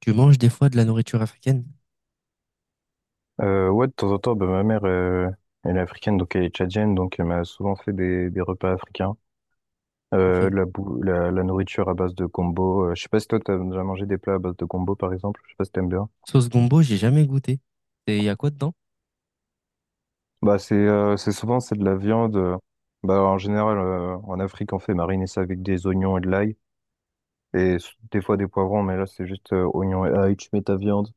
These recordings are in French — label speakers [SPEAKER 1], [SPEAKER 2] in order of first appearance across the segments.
[SPEAKER 1] Tu manges des fois de la nourriture africaine?
[SPEAKER 2] Ouais, de temps en temps, ma mère, elle est africaine, donc elle est tchadienne, donc elle m'a souvent fait des repas africains.
[SPEAKER 1] Ok.
[SPEAKER 2] La nourriture à base de gombo. Je sais pas si toi, t'as déjà mangé des plats à base de gombo, par exemple. Je sais pas si t'aimes bien.
[SPEAKER 1] Sauce gombo, j'ai jamais goûté. Et il y a quoi dedans?
[SPEAKER 2] Bah, c'est souvent, c'est de la viande. Bah, en général, en Afrique, on fait mariner ça avec des oignons et de l'ail. Et des fois, des poivrons, mais là, c'est juste oignons et ail. Tu mets ta viande.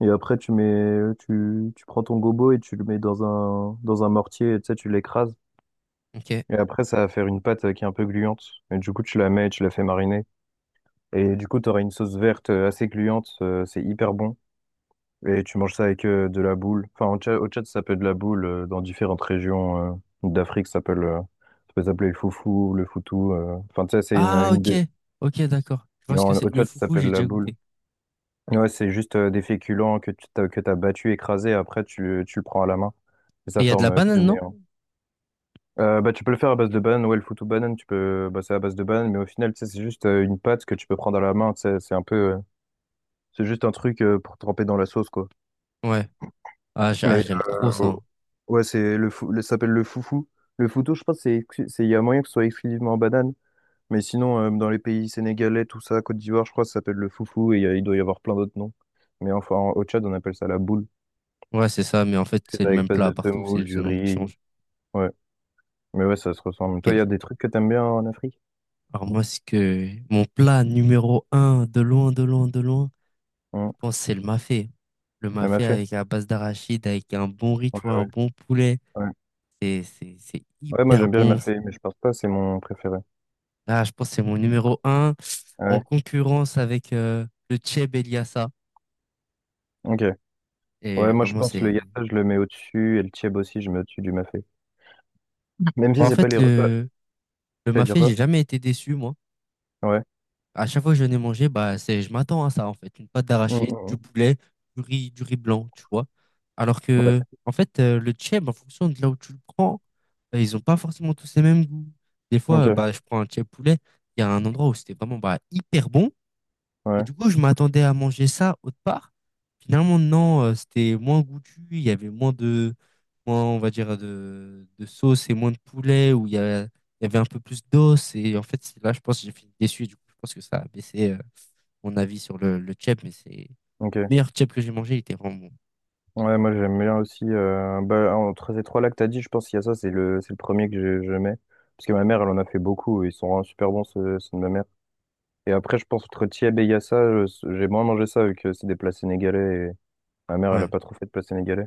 [SPEAKER 2] Et après, tu prends ton gombo et tu le mets dans dans un mortier. Et, tu sais, tu l'écrases.
[SPEAKER 1] Ok.
[SPEAKER 2] Et après, ça va faire une pâte qui est un peu gluante. Et du coup, tu la mets et tu la fais mariner. Et du coup, tu auras une sauce verte assez gluante. C'est hyper bon. Et tu manges ça avec de la boule. Enfin, au Tchad, ça s'appelle de la boule. Dans différentes régions d'Afrique, ça peut s'appeler le foufou, le foutou. Enfin, tu sais, c'est
[SPEAKER 1] Ah,
[SPEAKER 2] une
[SPEAKER 1] ok. Ok, d'accord. Je vois
[SPEAKER 2] Mais
[SPEAKER 1] ce que
[SPEAKER 2] en, au
[SPEAKER 1] c'est. Le
[SPEAKER 2] Tchad, ça
[SPEAKER 1] foufou,
[SPEAKER 2] s'appelle
[SPEAKER 1] j'ai
[SPEAKER 2] la
[SPEAKER 1] déjà
[SPEAKER 2] boule.
[SPEAKER 1] goûté.
[SPEAKER 2] Ouais, c'est juste des féculents que t'as battu, écrasé. Après, tu le prends à la main. Et
[SPEAKER 1] Et
[SPEAKER 2] ça
[SPEAKER 1] il y a de la
[SPEAKER 2] forme, tu le
[SPEAKER 1] banane, non?
[SPEAKER 2] mets. Bah, tu peux le faire à base de banane, ouais, le foot ou banane, tu peux, bah, c'est à base de banane, mais au final, tu sais, c'est juste une pâte que tu peux prendre à la main, tu sais, c'est un peu, c'est juste un truc pour tremper dans la sauce, quoi.
[SPEAKER 1] Ouais. Ah,
[SPEAKER 2] Mais,
[SPEAKER 1] j'aime trop ça,
[SPEAKER 2] euh,
[SPEAKER 1] hein.
[SPEAKER 2] ouais, c'est ça s'appelle le foufou. Le foutou, je pense, c'est, il y a moyen que ce soit exclusivement en banane, mais sinon, dans les pays sénégalais, tout ça, Côte d'Ivoire, je crois, ça s'appelle le foufou, et il doit y avoir plein d'autres noms. Mais enfin, au Tchad, on appelle ça la boule.
[SPEAKER 1] Ouais, c'est ça, mais en fait, c'est
[SPEAKER 2] C'est
[SPEAKER 1] le
[SPEAKER 2] avec
[SPEAKER 1] même
[SPEAKER 2] base
[SPEAKER 1] plat
[SPEAKER 2] de
[SPEAKER 1] partout. C'est
[SPEAKER 2] semoule,
[SPEAKER 1] juste le
[SPEAKER 2] du
[SPEAKER 1] nom qui
[SPEAKER 2] riz,
[SPEAKER 1] change.
[SPEAKER 2] ouais. Mais ouais, ça se ressemble.
[SPEAKER 1] Ok,
[SPEAKER 2] Toi, il y
[SPEAKER 1] je
[SPEAKER 2] a
[SPEAKER 1] vois.
[SPEAKER 2] des trucs que t'aimes bien en Afrique?
[SPEAKER 1] Alors, moi, ce que... Mon plat numéro un, de loin, de loin, de loin, je
[SPEAKER 2] Hum,
[SPEAKER 1] pense que c'est le mafé. Le
[SPEAKER 2] elle m'a
[SPEAKER 1] mafé
[SPEAKER 2] fait.
[SPEAKER 1] avec la base d'arachide, avec un bon riz, tu
[SPEAKER 2] Ouais,
[SPEAKER 1] vois, un
[SPEAKER 2] ouais.
[SPEAKER 1] bon poulet.
[SPEAKER 2] Ouais.
[SPEAKER 1] C'est
[SPEAKER 2] Ouais, moi
[SPEAKER 1] hyper
[SPEAKER 2] j'aime bien le
[SPEAKER 1] bon.
[SPEAKER 2] mafé, mais je pense pas, c'est mon préféré.
[SPEAKER 1] Ah, je pense que c'est mon numéro un
[SPEAKER 2] Ah ouais,
[SPEAKER 1] en concurrence avec le Cheb Eliassa.
[SPEAKER 2] ok.
[SPEAKER 1] Et
[SPEAKER 2] Ouais, moi je
[SPEAKER 1] vraiment,
[SPEAKER 2] pense le
[SPEAKER 1] c'est...
[SPEAKER 2] yatta, je le mets au-dessus, et le tieb aussi, je mets au-dessus du mafé. Même
[SPEAKER 1] Bon,
[SPEAKER 2] si
[SPEAKER 1] en
[SPEAKER 2] c'est pas
[SPEAKER 1] fait,
[SPEAKER 2] les repas.
[SPEAKER 1] le
[SPEAKER 2] C'est à dire
[SPEAKER 1] mafé,
[SPEAKER 2] quoi?
[SPEAKER 1] j'ai jamais été déçu, moi.
[SPEAKER 2] Ouais.
[SPEAKER 1] À chaque fois que je n'ai mangé, bah, c'est, je m'attends à ça, en fait. Une pâte
[SPEAKER 2] Mm, mm,
[SPEAKER 1] d'arachide, du
[SPEAKER 2] mm.
[SPEAKER 1] poulet, du riz blanc, tu vois. Alors
[SPEAKER 2] Ouais,
[SPEAKER 1] que, en fait, le Cheb, en fonction de là où tu le prends, ils ont pas forcément tous les mêmes goûts. Des fois,
[SPEAKER 2] ok.
[SPEAKER 1] bah, je prends un Cheb poulet, il y a un endroit où c'était vraiment bah, hyper bon. Et
[SPEAKER 2] Ouais,
[SPEAKER 1] du coup, je m'attendais à manger ça autre part. Finalement, non, c'était moins goûtu, il y avait moins de, moins, on va dire, de sauce et moins de poulet, où il y a- il y avait un peu plus d'os. Et en fait, c'est là, je pense que j'ai fini déçu. Et du coup, je pense que ça a baissé mon avis sur le tchèp, mais c'est le
[SPEAKER 2] ok.
[SPEAKER 1] meilleur tchèp que j'ai mangé, il était vraiment bon.
[SPEAKER 2] Ouais, moi j'aime bien aussi. Bah, entre ces trois-là que t'as dit, je pense qu'il y a ça, c'est c'est le premier que je mets. Parce que ma mère, elle en a fait beaucoup, et ils sont vraiment super bons, ceux de ma mère. Et après, je pense entre tieb et yassa, j'ai moins mangé ça, vu que c'est des plats sénégalais, et ma mère, elle a
[SPEAKER 1] Ouais,
[SPEAKER 2] pas trop fait de plats sénégalais.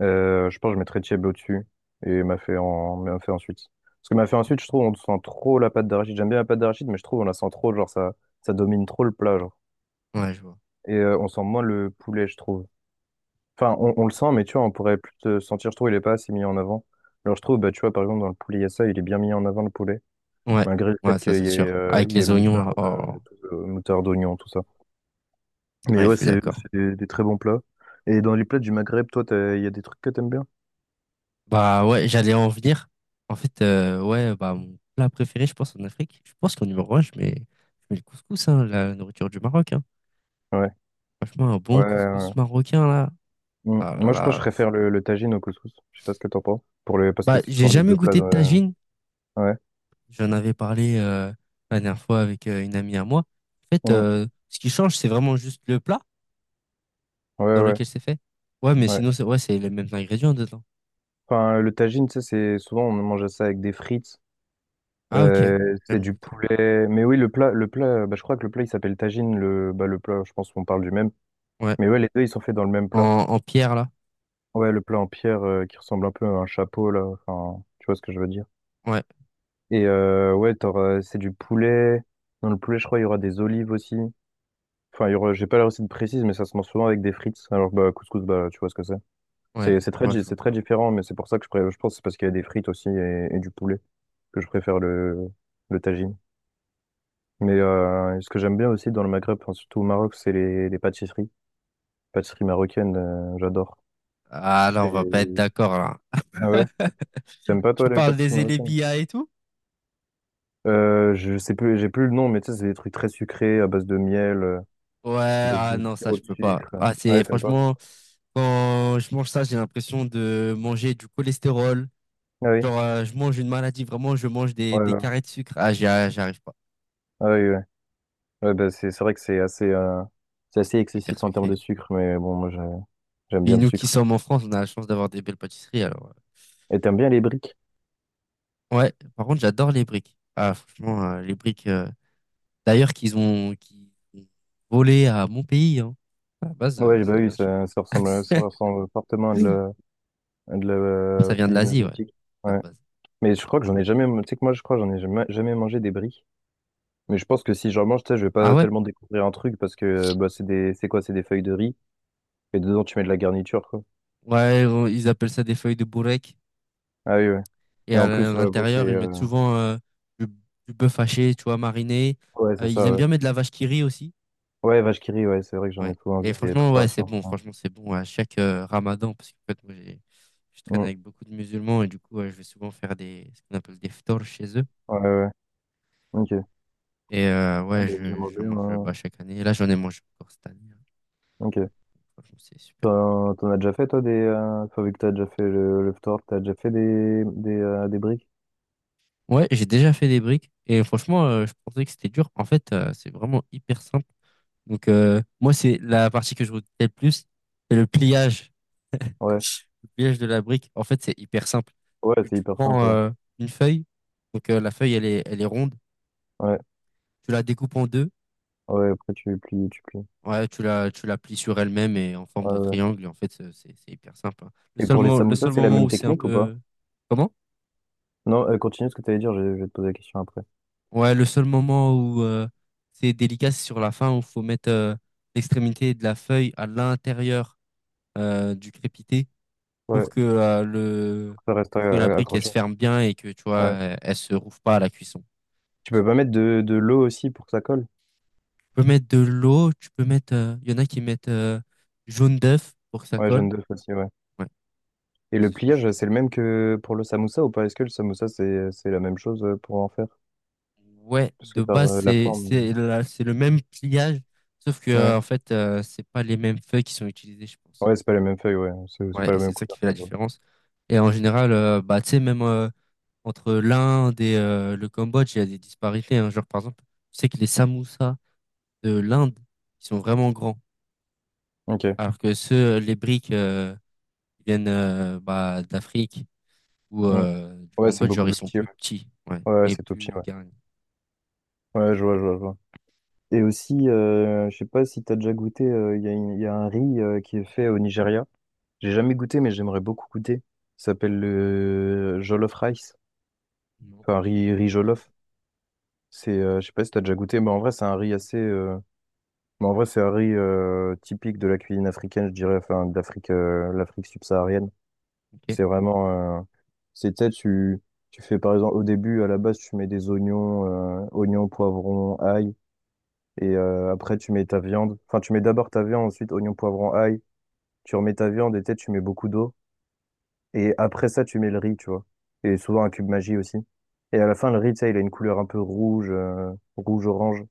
[SPEAKER 2] Je pense que je mettrais Thiebe au-dessus et Mafé en Mafé ensuite. Parce que Mafé ensuite, je trouve on sent trop la pâte d'arachide. J'aime bien la pâte d'arachide, mais je trouve on la sent trop, genre ça, ça domine trop le plat, genre.
[SPEAKER 1] ouais, je vois.
[SPEAKER 2] Et on sent moins le poulet, je trouve. Enfin, on le
[SPEAKER 1] Ok.
[SPEAKER 2] sent, mais tu vois, on pourrait plus te sentir, je trouve, il est pas assez mis en avant. Alors je trouve, bah, tu vois, par exemple, dans le poulet Yassa, il est bien mis en avant le poulet,
[SPEAKER 1] Ouais,
[SPEAKER 2] malgré le fait
[SPEAKER 1] ouais, ça
[SPEAKER 2] qu'il
[SPEAKER 1] c'est
[SPEAKER 2] y ait,
[SPEAKER 1] sûr. Avec
[SPEAKER 2] il y ait
[SPEAKER 1] les oignons, là,
[SPEAKER 2] moutarde,
[SPEAKER 1] oh.
[SPEAKER 2] moutarde, oignon, tout ça. Mais
[SPEAKER 1] Ouais, je
[SPEAKER 2] ouais,
[SPEAKER 1] suis d'accord.
[SPEAKER 2] c'est des très bons plats. Et dans les plats du Maghreb, toi, il y a des trucs que t'aimes bien?
[SPEAKER 1] Bah ouais, j'allais en venir. En fait, ouais, bah mon plat préféré, je pense, en Afrique, je pense qu'en numéro un, je mets le couscous, hein, la nourriture du Maroc, hein.
[SPEAKER 2] Ouais.
[SPEAKER 1] Franchement, un bon
[SPEAKER 2] Ouais, ouais.
[SPEAKER 1] couscous marocain, là.
[SPEAKER 2] Mm.
[SPEAKER 1] Ah là
[SPEAKER 2] Moi, je pense que je
[SPEAKER 1] là. c'est-
[SPEAKER 2] préfère le tagine au couscous. Je sais pas ce que t'en penses. Pour le, parce que
[SPEAKER 1] Bah,
[SPEAKER 2] c'est
[SPEAKER 1] j'ai
[SPEAKER 2] souvent les
[SPEAKER 1] jamais
[SPEAKER 2] deux plats.
[SPEAKER 1] goûté de tagine.
[SPEAKER 2] Ouais.
[SPEAKER 1] J'en avais parlé la dernière fois avec une amie à moi. En fait,
[SPEAKER 2] Mm.
[SPEAKER 1] ce qui change, c'est vraiment juste le plat
[SPEAKER 2] Ouais,
[SPEAKER 1] dans
[SPEAKER 2] ouais,
[SPEAKER 1] lequel c'est fait. Ouais, mais
[SPEAKER 2] ouais.
[SPEAKER 1] sinon, c'est ouais, c'est les mêmes ingrédients dedans.
[SPEAKER 2] Enfin, le tagine, tu sais, c'est souvent on mange ça avec des frites.
[SPEAKER 1] Ah, ok.
[SPEAKER 2] C'est
[SPEAKER 1] Jamais
[SPEAKER 2] du
[SPEAKER 1] goûté.
[SPEAKER 2] poulet. Mais oui, le plat, bah, je crois que le plat il s'appelle tagine. Le plat, je pense qu'on parle du même.
[SPEAKER 1] Ouais.
[SPEAKER 2] Mais ouais, les deux ils sont faits dans le même plat.
[SPEAKER 1] En, en pierre, là.
[SPEAKER 2] Ouais, le plat en pierre qui ressemble un peu à un chapeau là. Enfin, tu vois ce que je veux dire.
[SPEAKER 1] Ouais,
[SPEAKER 2] Et ouais, c'est du poulet. Dans le poulet, je crois il y aura des olives aussi. Enfin, il y aura, j'ai pas la recette précise, mais ça se mange souvent avec des frites. Alors bah, couscous, bah, tu vois ce que c'est.
[SPEAKER 1] ouais,
[SPEAKER 2] C'est
[SPEAKER 1] je
[SPEAKER 2] très,
[SPEAKER 1] vois, je
[SPEAKER 2] c'est
[SPEAKER 1] vois.
[SPEAKER 2] très différent, mais c'est pour ça que je pense que c'est parce qu'il y a des frites aussi et du poulet que je préfère le tagine. Mais ce que j'aime bien aussi dans le Maghreb, enfin, surtout au Maroc, c'est les pâtisseries. Pâtisseries marocaines, j'adore.
[SPEAKER 1] Ah là, on va pas être
[SPEAKER 2] C'est-
[SPEAKER 1] d'accord là.
[SPEAKER 2] Ah ouais? T'aimes pas toi
[SPEAKER 1] Tu
[SPEAKER 2] les
[SPEAKER 1] parles
[SPEAKER 2] pâtisseries
[SPEAKER 1] des
[SPEAKER 2] marocaines?
[SPEAKER 1] élébia et tout?
[SPEAKER 2] Je sais plus, j'ai plus le nom, mais tu sais, c'est des trucs très sucrés à base de miel,
[SPEAKER 1] Ouais,
[SPEAKER 2] à base
[SPEAKER 1] ah
[SPEAKER 2] de
[SPEAKER 1] non, ça
[SPEAKER 2] sirop
[SPEAKER 1] je
[SPEAKER 2] de
[SPEAKER 1] peux pas.
[SPEAKER 2] sucre.
[SPEAKER 1] Ah,
[SPEAKER 2] Ah ouais,
[SPEAKER 1] c'est
[SPEAKER 2] t'aimes pas?
[SPEAKER 1] franchement, quand je mange ça, j'ai l'impression de manger du cholestérol.
[SPEAKER 2] Ah oui?
[SPEAKER 1] Genre, je mange une maladie, vraiment, je mange
[SPEAKER 2] Ouais,
[SPEAKER 1] des
[SPEAKER 2] ouais.
[SPEAKER 1] carrés de sucre. Ah, j'arrive pas.
[SPEAKER 2] Ah oui, ouais. Ouais, bah, c'est vrai que c'est assez
[SPEAKER 1] Hyper
[SPEAKER 2] excessif en termes de
[SPEAKER 1] sucré.
[SPEAKER 2] sucre, mais bon, j'aime bien
[SPEAKER 1] Puis
[SPEAKER 2] le
[SPEAKER 1] nous qui
[SPEAKER 2] sucre.
[SPEAKER 1] sommes en France, on a la chance d'avoir des belles pâtisseries. Alors,
[SPEAKER 2] Et t'aimes bien les briques?
[SPEAKER 1] ouais, par contre, j'adore les briques. Ah, franchement, les briques, d'ailleurs, qu'ils ont volé à mon pays. Hein. À la base,
[SPEAKER 2] Ouais, bah
[SPEAKER 1] ça
[SPEAKER 2] oui,
[SPEAKER 1] vient de chez
[SPEAKER 2] ça, ça ressemble fortement à
[SPEAKER 1] nous.
[SPEAKER 2] à de la
[SPEAKER 1] Ça vient de
[SPEAKER 2] cuisine
[SPEAKER 1] l'Asie, ouais,
[SPEAKER 2] asiatique.
[SPEAKER 1] à la
[SPEAKER 2] Ouais.
[SPEAKER 1] base.
[SPEAKER 2] Mais je crois que j'en ai jamais. Tu sais que moi, je crois que j'en ai jamais, jamais mangé des bris. Mais je pense que si j'en mange, tu sais, je vais
[SPEAKER 1] Ah
[SPEAKER 2] pas
[SPEAKER 1] ouais?
[SPEAKER 2] tellement découvrir un truc parce que bah, c'est quoi? C'est des feuilles de riz et dedans tu mets de la garniture, quoi.
[SPEAKER 1] Ouais, ils appellent ça des feuilles de bourrec.
[SPEAKER 2] Ah oui, ouais. Et en
[SPEAKER 1] À
[SPEAKER 2] plus, bon, c'est.
[SPEAKER 1] l'intérieur, ils mettent souvent du, du bœuf haché, tu vois, mariné.
[SPEAKER 2] Ouais, c'est
[SPEAKER 1] Ils
[SPEAKER 2] ça,
[SPEAKER 1] aiment
[SPEAKER 2] ouais.
[SPEAKER 1] bien mettre de la vache qui rit aussi.
[SPEAKER 2] Ouais, vache qui rit, ouais, c'est vrai que j'en
[SPEAKER 1] Ouais.
[SPEAKER 2] ai souvent vu
[SPEAKER 1] Et
[SPEAKER 2] des
[SPEAKER 1] franchement, ouais, c'est
[SPEAKER 2] préparations.
[SPEAKER 1] bon.
[SPEAKER 2] Ouais,
[SPEAKER 1] Franchement, c'est bon à chaque ramadan. Parce qu'en fait, moi, je traîne
[SPEAKER 2] Mm.
[SPEAKER 1] avec beaucoup de musulmans. Et du coup, ouais, je vais souvent faire des, ce qu'on appelle des ftors chez eux.
[SPEAKER 2] Ouais, ouais. Ouais. Ok.
[SPEAKER 1] Et
[SPEAKER 2] Ah,
[SPEAKER 1] ouais,
[SPEAKER 2] bah, j'ai
[SPEAKER 1] je
[SPEAKER 2] mangé,
[SPEAKER 1] mange
[SPEAKER 2] moi.
[SPEAKER 1] bah, chaque année. Et là, j'en ai mangé encore cette année, hein.
[SPEAKER 2] Ok.
[SPEAKER 1] Franchement, c'est super bon.
[SPEAKER 2] T'en as déjà fait, toi, des. Enfin, vu que t'as déjà fait le tu t'as déjà fait des briques?
[SPEAKER 1] Ouais, j'ai déjà fait des briques et franchement, je pensais que c'était dur. En fait, c'est vraiment hyper simple. Donc, moi, c'est la partie que je retiens le plus, c'est le pliage.
[SPEAKER 2] Ouais.
[SPEAKER 1] Le pliage de la brique, en fait, c'est hyper simple.
[SPEAKER 2] Ouais, c'est
[SPEAKER 1] Tu
[SPEAKER 2] hyper
[SPEAKER 1] prends
[SPEAKER 2] simple, ouais.
[SPEAKER 1] une feuille, donc la feuille, elle est ronde,
[SPEAKER 2] Ouais,
[SPEAKER 1] tu la découpes en deux,
[SPEAKER 2] ouais, après tu plies.
[SPEAKER 1] ouais, tu la plies sur elle-même et en forme
[SPEAKER 2] Ouais,
[SPEAKER 1] de
[SPEAKER 2] ouais.
[SPEAKER 1] triangle. Et en fait, c'est hyper simple, hein.
[SPEAKER 2] Et pour les
[SPEAKER 1] Le
[SPEAKER 2] samosas,
[SPEAKER 1] seul
[SPEAKER 2] c'est la
[SPEAKER 1] moment
[SPEAKER 2] même
[SPEAKER 1] où c'est un
[SPEAKER 2] technique ou pas?
[SPEAKER 1] peu... Comment?
[SPEAKER 2] Non, continue ce que tu allais dire, je vais te poser la question après.
[SPEAKER 1] Ouais, le seul moment où c'est délicat, c'est sur la fin où il faut mettre l'extrémité de la feuille à l'intérieur du crépité
[SPEAKER 2] Ouais,
[SPEAKER 1] pour que le
[SPEAKER 2] ça reste
[SPEAKER 1] pour que la brique elle
[SPEAKER 2] accroché.
[SPEAKER 1] se ferme bien et que tu vois
[SPEAKER 2] Ouais.
[SPEAKER 1] elle se rouvre pas à la cuisson.
[SPEAKER 2] Tu peux pas mettre de l'eau aussi pour que ça colle?
[SPEAKER 1] Tu peux mettre de l'eau, tu peux mettre il y en a qui mettent jaune d'œuf pour que ça
[SPEAKER 2] Ouais,
[SPEAKER 1] colle.
[SPEAKER 2] jaune d'œuf aussi, ouais.
[SPEAKER 1] Ouais,
[SPEAKER 2] Et
[SPEAKER 1] moi,
[SPEAKER 2] le
[SPEAKER 1] c'est ce que je
[SPEAKER 2] pliage,
[SPEAKER 1] faisais.
[SPEAKER 2] c'est le même que pour le samoussa ou pas? Est-ce que le samoussa, c'est la même chose pour en faire?
[SPEAKER 1] Ouais,
[SPEAKER 2] Parce que
[SPEAKER 1] de
[SPEAKER 2] par
[SPEAKER 1] base
[SPEAKER 2] la forme.
[SPEAKER 1] c'est le même pliage sauf que
[SPEAKER 2] Ouais,
[SPEAKER 1] en fait c'est pas les mêmes feuilles qui sont utilisées, je pense.
[SPEAKER 2] ouais, c'est pas les mêmes feuilles, ouais. C'est
[SPEAKER 1] Ouais,
[SPEAKER 2] pas
[SPEAKER 1] et
[SPEAKER 2] la
[SPEAKER 1] c'est
[SPEAKER 2] même
[SPEAKER 1] ça qui
[SPEAKER 2] couleur,
[SPEAKER 1] fait la
[SPEAKER 2] ça se voit.
[SPEAKER 1] différence. Et en général, bah, tu sais, même entre l'Inde et le Cambodge, il y a des disparités, hein. Genre, par exemple, je sais que les samoussas de l'Inde, ils sont vraiment grands.
[SPEAKER 2] Ok.
[SPEAKER 1] Alors que ceux, les briques qui viennent bah, d'Afrique ou
[SPEAKER 2] Mm.
[SPEAKER 1] du
[SPEAKER 2] Ouais, c'est
[SPEAKER 1] Cambodge,
[SPEAKER 2] beaucoup
[SPEAKER 1] genre, ils
[SPEAKER 2] plus
[SPEAKER 1] sont
[SPEAKER 2] petit, ouais.
[SPEAKER 1] plus petits. Ouais,
[SPEAKER 2] Ouais,
[SPEAKER 1] et
[SPEAKER 2] c'est tout petit,
[SPEAKER 1] plus
[SPEAKER 2] ouais.
[SPEAKER 1] garnis.
[SPEAKER 2] Ouais, je vois, je vois, je vois. Et aussi, je sais pas si t'as déjà goûté, il y a il y a un riz qui est fait au Nigeria. J'ai jamais goûté, mais j'aimerais beaucoup goûter. Ça s'appelle le jollof rice.
[SPEAKER 1] Non,
[SPEAKER 2] Enfin, riz
[SPEAKER 1] ça me dit
[SPEAKER 2] jollof. Je sais pas si t'as déjà goûté, mais en vrai, c'est un riz assez. Mais en vrai, c'est un riz typique de la cuisine africaine, je dirais, enfin, d'Afrique, l'Afrique subsaharienne.
[SPEAKER 1] rien. Ok,
[SPEAKER 2] C'est vraiment. C'est, tu sais, tu fais par exemple, au début, à la base, tu mets des oignons, oignons, poivrons, ail. Et après, tu mets ta viande. Enfin, tu mets d'abord ta viande, ensuite oignons, poivrons, ail. Tu remets ta viande et tu sais, tu mets beaucoup d'eau. Et après ça, tu mets le riz, tu vois. Et souvent un cube magie aussi. Et à la fin, le riz, tu sais, il a une couleur un peu rouge, rouge-orange.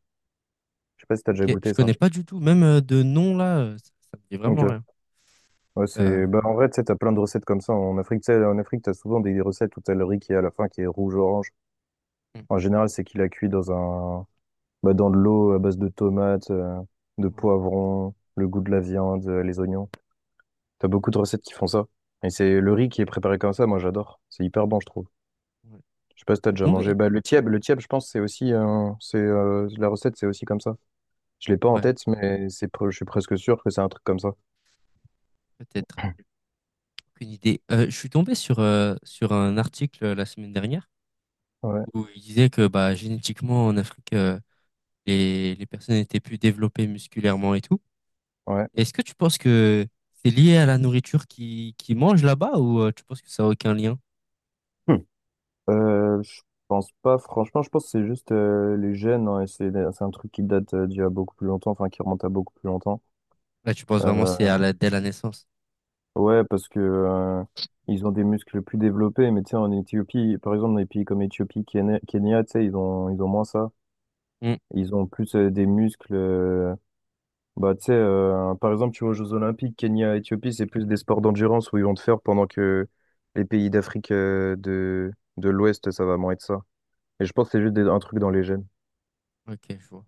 [SPEAKER 2] Je sais pas si t'as déjà
[SPEAKER 1] ok. Je
[SPEAKER 2] goûté ça.
[SPEAKER 1] connais pas du tout. Même de nom, là, ça me dit
[SPEAKER 2] Ok.
[SPEAKER 1] vraiment rien.
[SPEAKER 2] Ouais,
[SPEAKER 1] Euh,
[SPEAKER 2] c'est... Bah, en vrai, tu sais, t'as plein de recettes comme ça. En Afrique, tu sais, en Afrique, t'as souvent des recettes où t'as le riz qui est à la fin, qui est rouge-orange.
[SPEAKER 1] hmm,
[SPEAKER 2] En général, c'est qu'il a cuit dans un... bah, dans de l'eau à base de tomates, de
[SPEAKER 1] ouais,
[SPEAKER 2] poivrons, le goût de la viande, les oignons. T'as beaucoup de recettes qui font ça. Et c'est le riz qui est préparé comme ça, moi j'adore. C'est hyper bon, je trouve.
[SPEAKER 1] ouais.
[SPEAKER 2] Je sais pas si
[SPEAKER 1] Je
[SPEAKER 2] t'as
[SPEAKER 1] suis
[SPEAKER 2] déjà mangé.
[SPEAKER 1] tombé.
[SPEAKER 2] Bah, le tieb, je pense, c'est aussi, c'est la recette, c'est aussi comme ça. Je l'ai pas en
[SPEAKER 1] Ouais,
[SPEAKER 2] tête, mais je suis presque sûr que c'est un truc comme ça.
[SPEAKER 1] peut-être. Aucune idée. Je suis tombé sur, sur un article la semaine dernière
[SPEAKER 2] Ouais,
[SPEAKER 1] où il disait que bah, génétiquement en Afrique, les personnes étaient plus développées musculairement et tout.
[SPEAKER 2] ouais.
[SPEAKER 1] Est-ce que tu penses que c'est lié à la nourriture qu'ils qui mangent là-bas ou tu penses que ça n'a aucun lien?
[SPEAKER 2] Hmm. Je pense pas, franchement, je pense que c'est juste les gènes, hein, et c'est un truc qui date d'il y a beaucoup plus longtemps, enfin qui remonte à beaucoup plus longtemps.
[SPEAKER 1] Là, tu penses vraiment que c'est
[SPEAKER 2] Euh,
[SPEAKER 1] à la, dès la naissance?
[SPEAKER 2] ouais, parce que ils ont des muscles plus développés, mais tu sais, en Éthiopie, par exemple, dans des pays comme Éthiopie, Kenya, tu sais, ils ont moins ça.
[SPEAKER 1] Hmm,
[SPEAKER 2] Ils ont plus des muscles. Bah, tu sais, par exemple, tu vois aux Jeux Olympiques, Kenya, Éthiopie, c'est plus des sports d'endurance où ils vont te faire pendant que les pays d'Afrique de l'Ouest, ça va moins être ça. Et je pense que c'est juste un truc dans les gènes.
[SPEAKER 1] ok, je vois.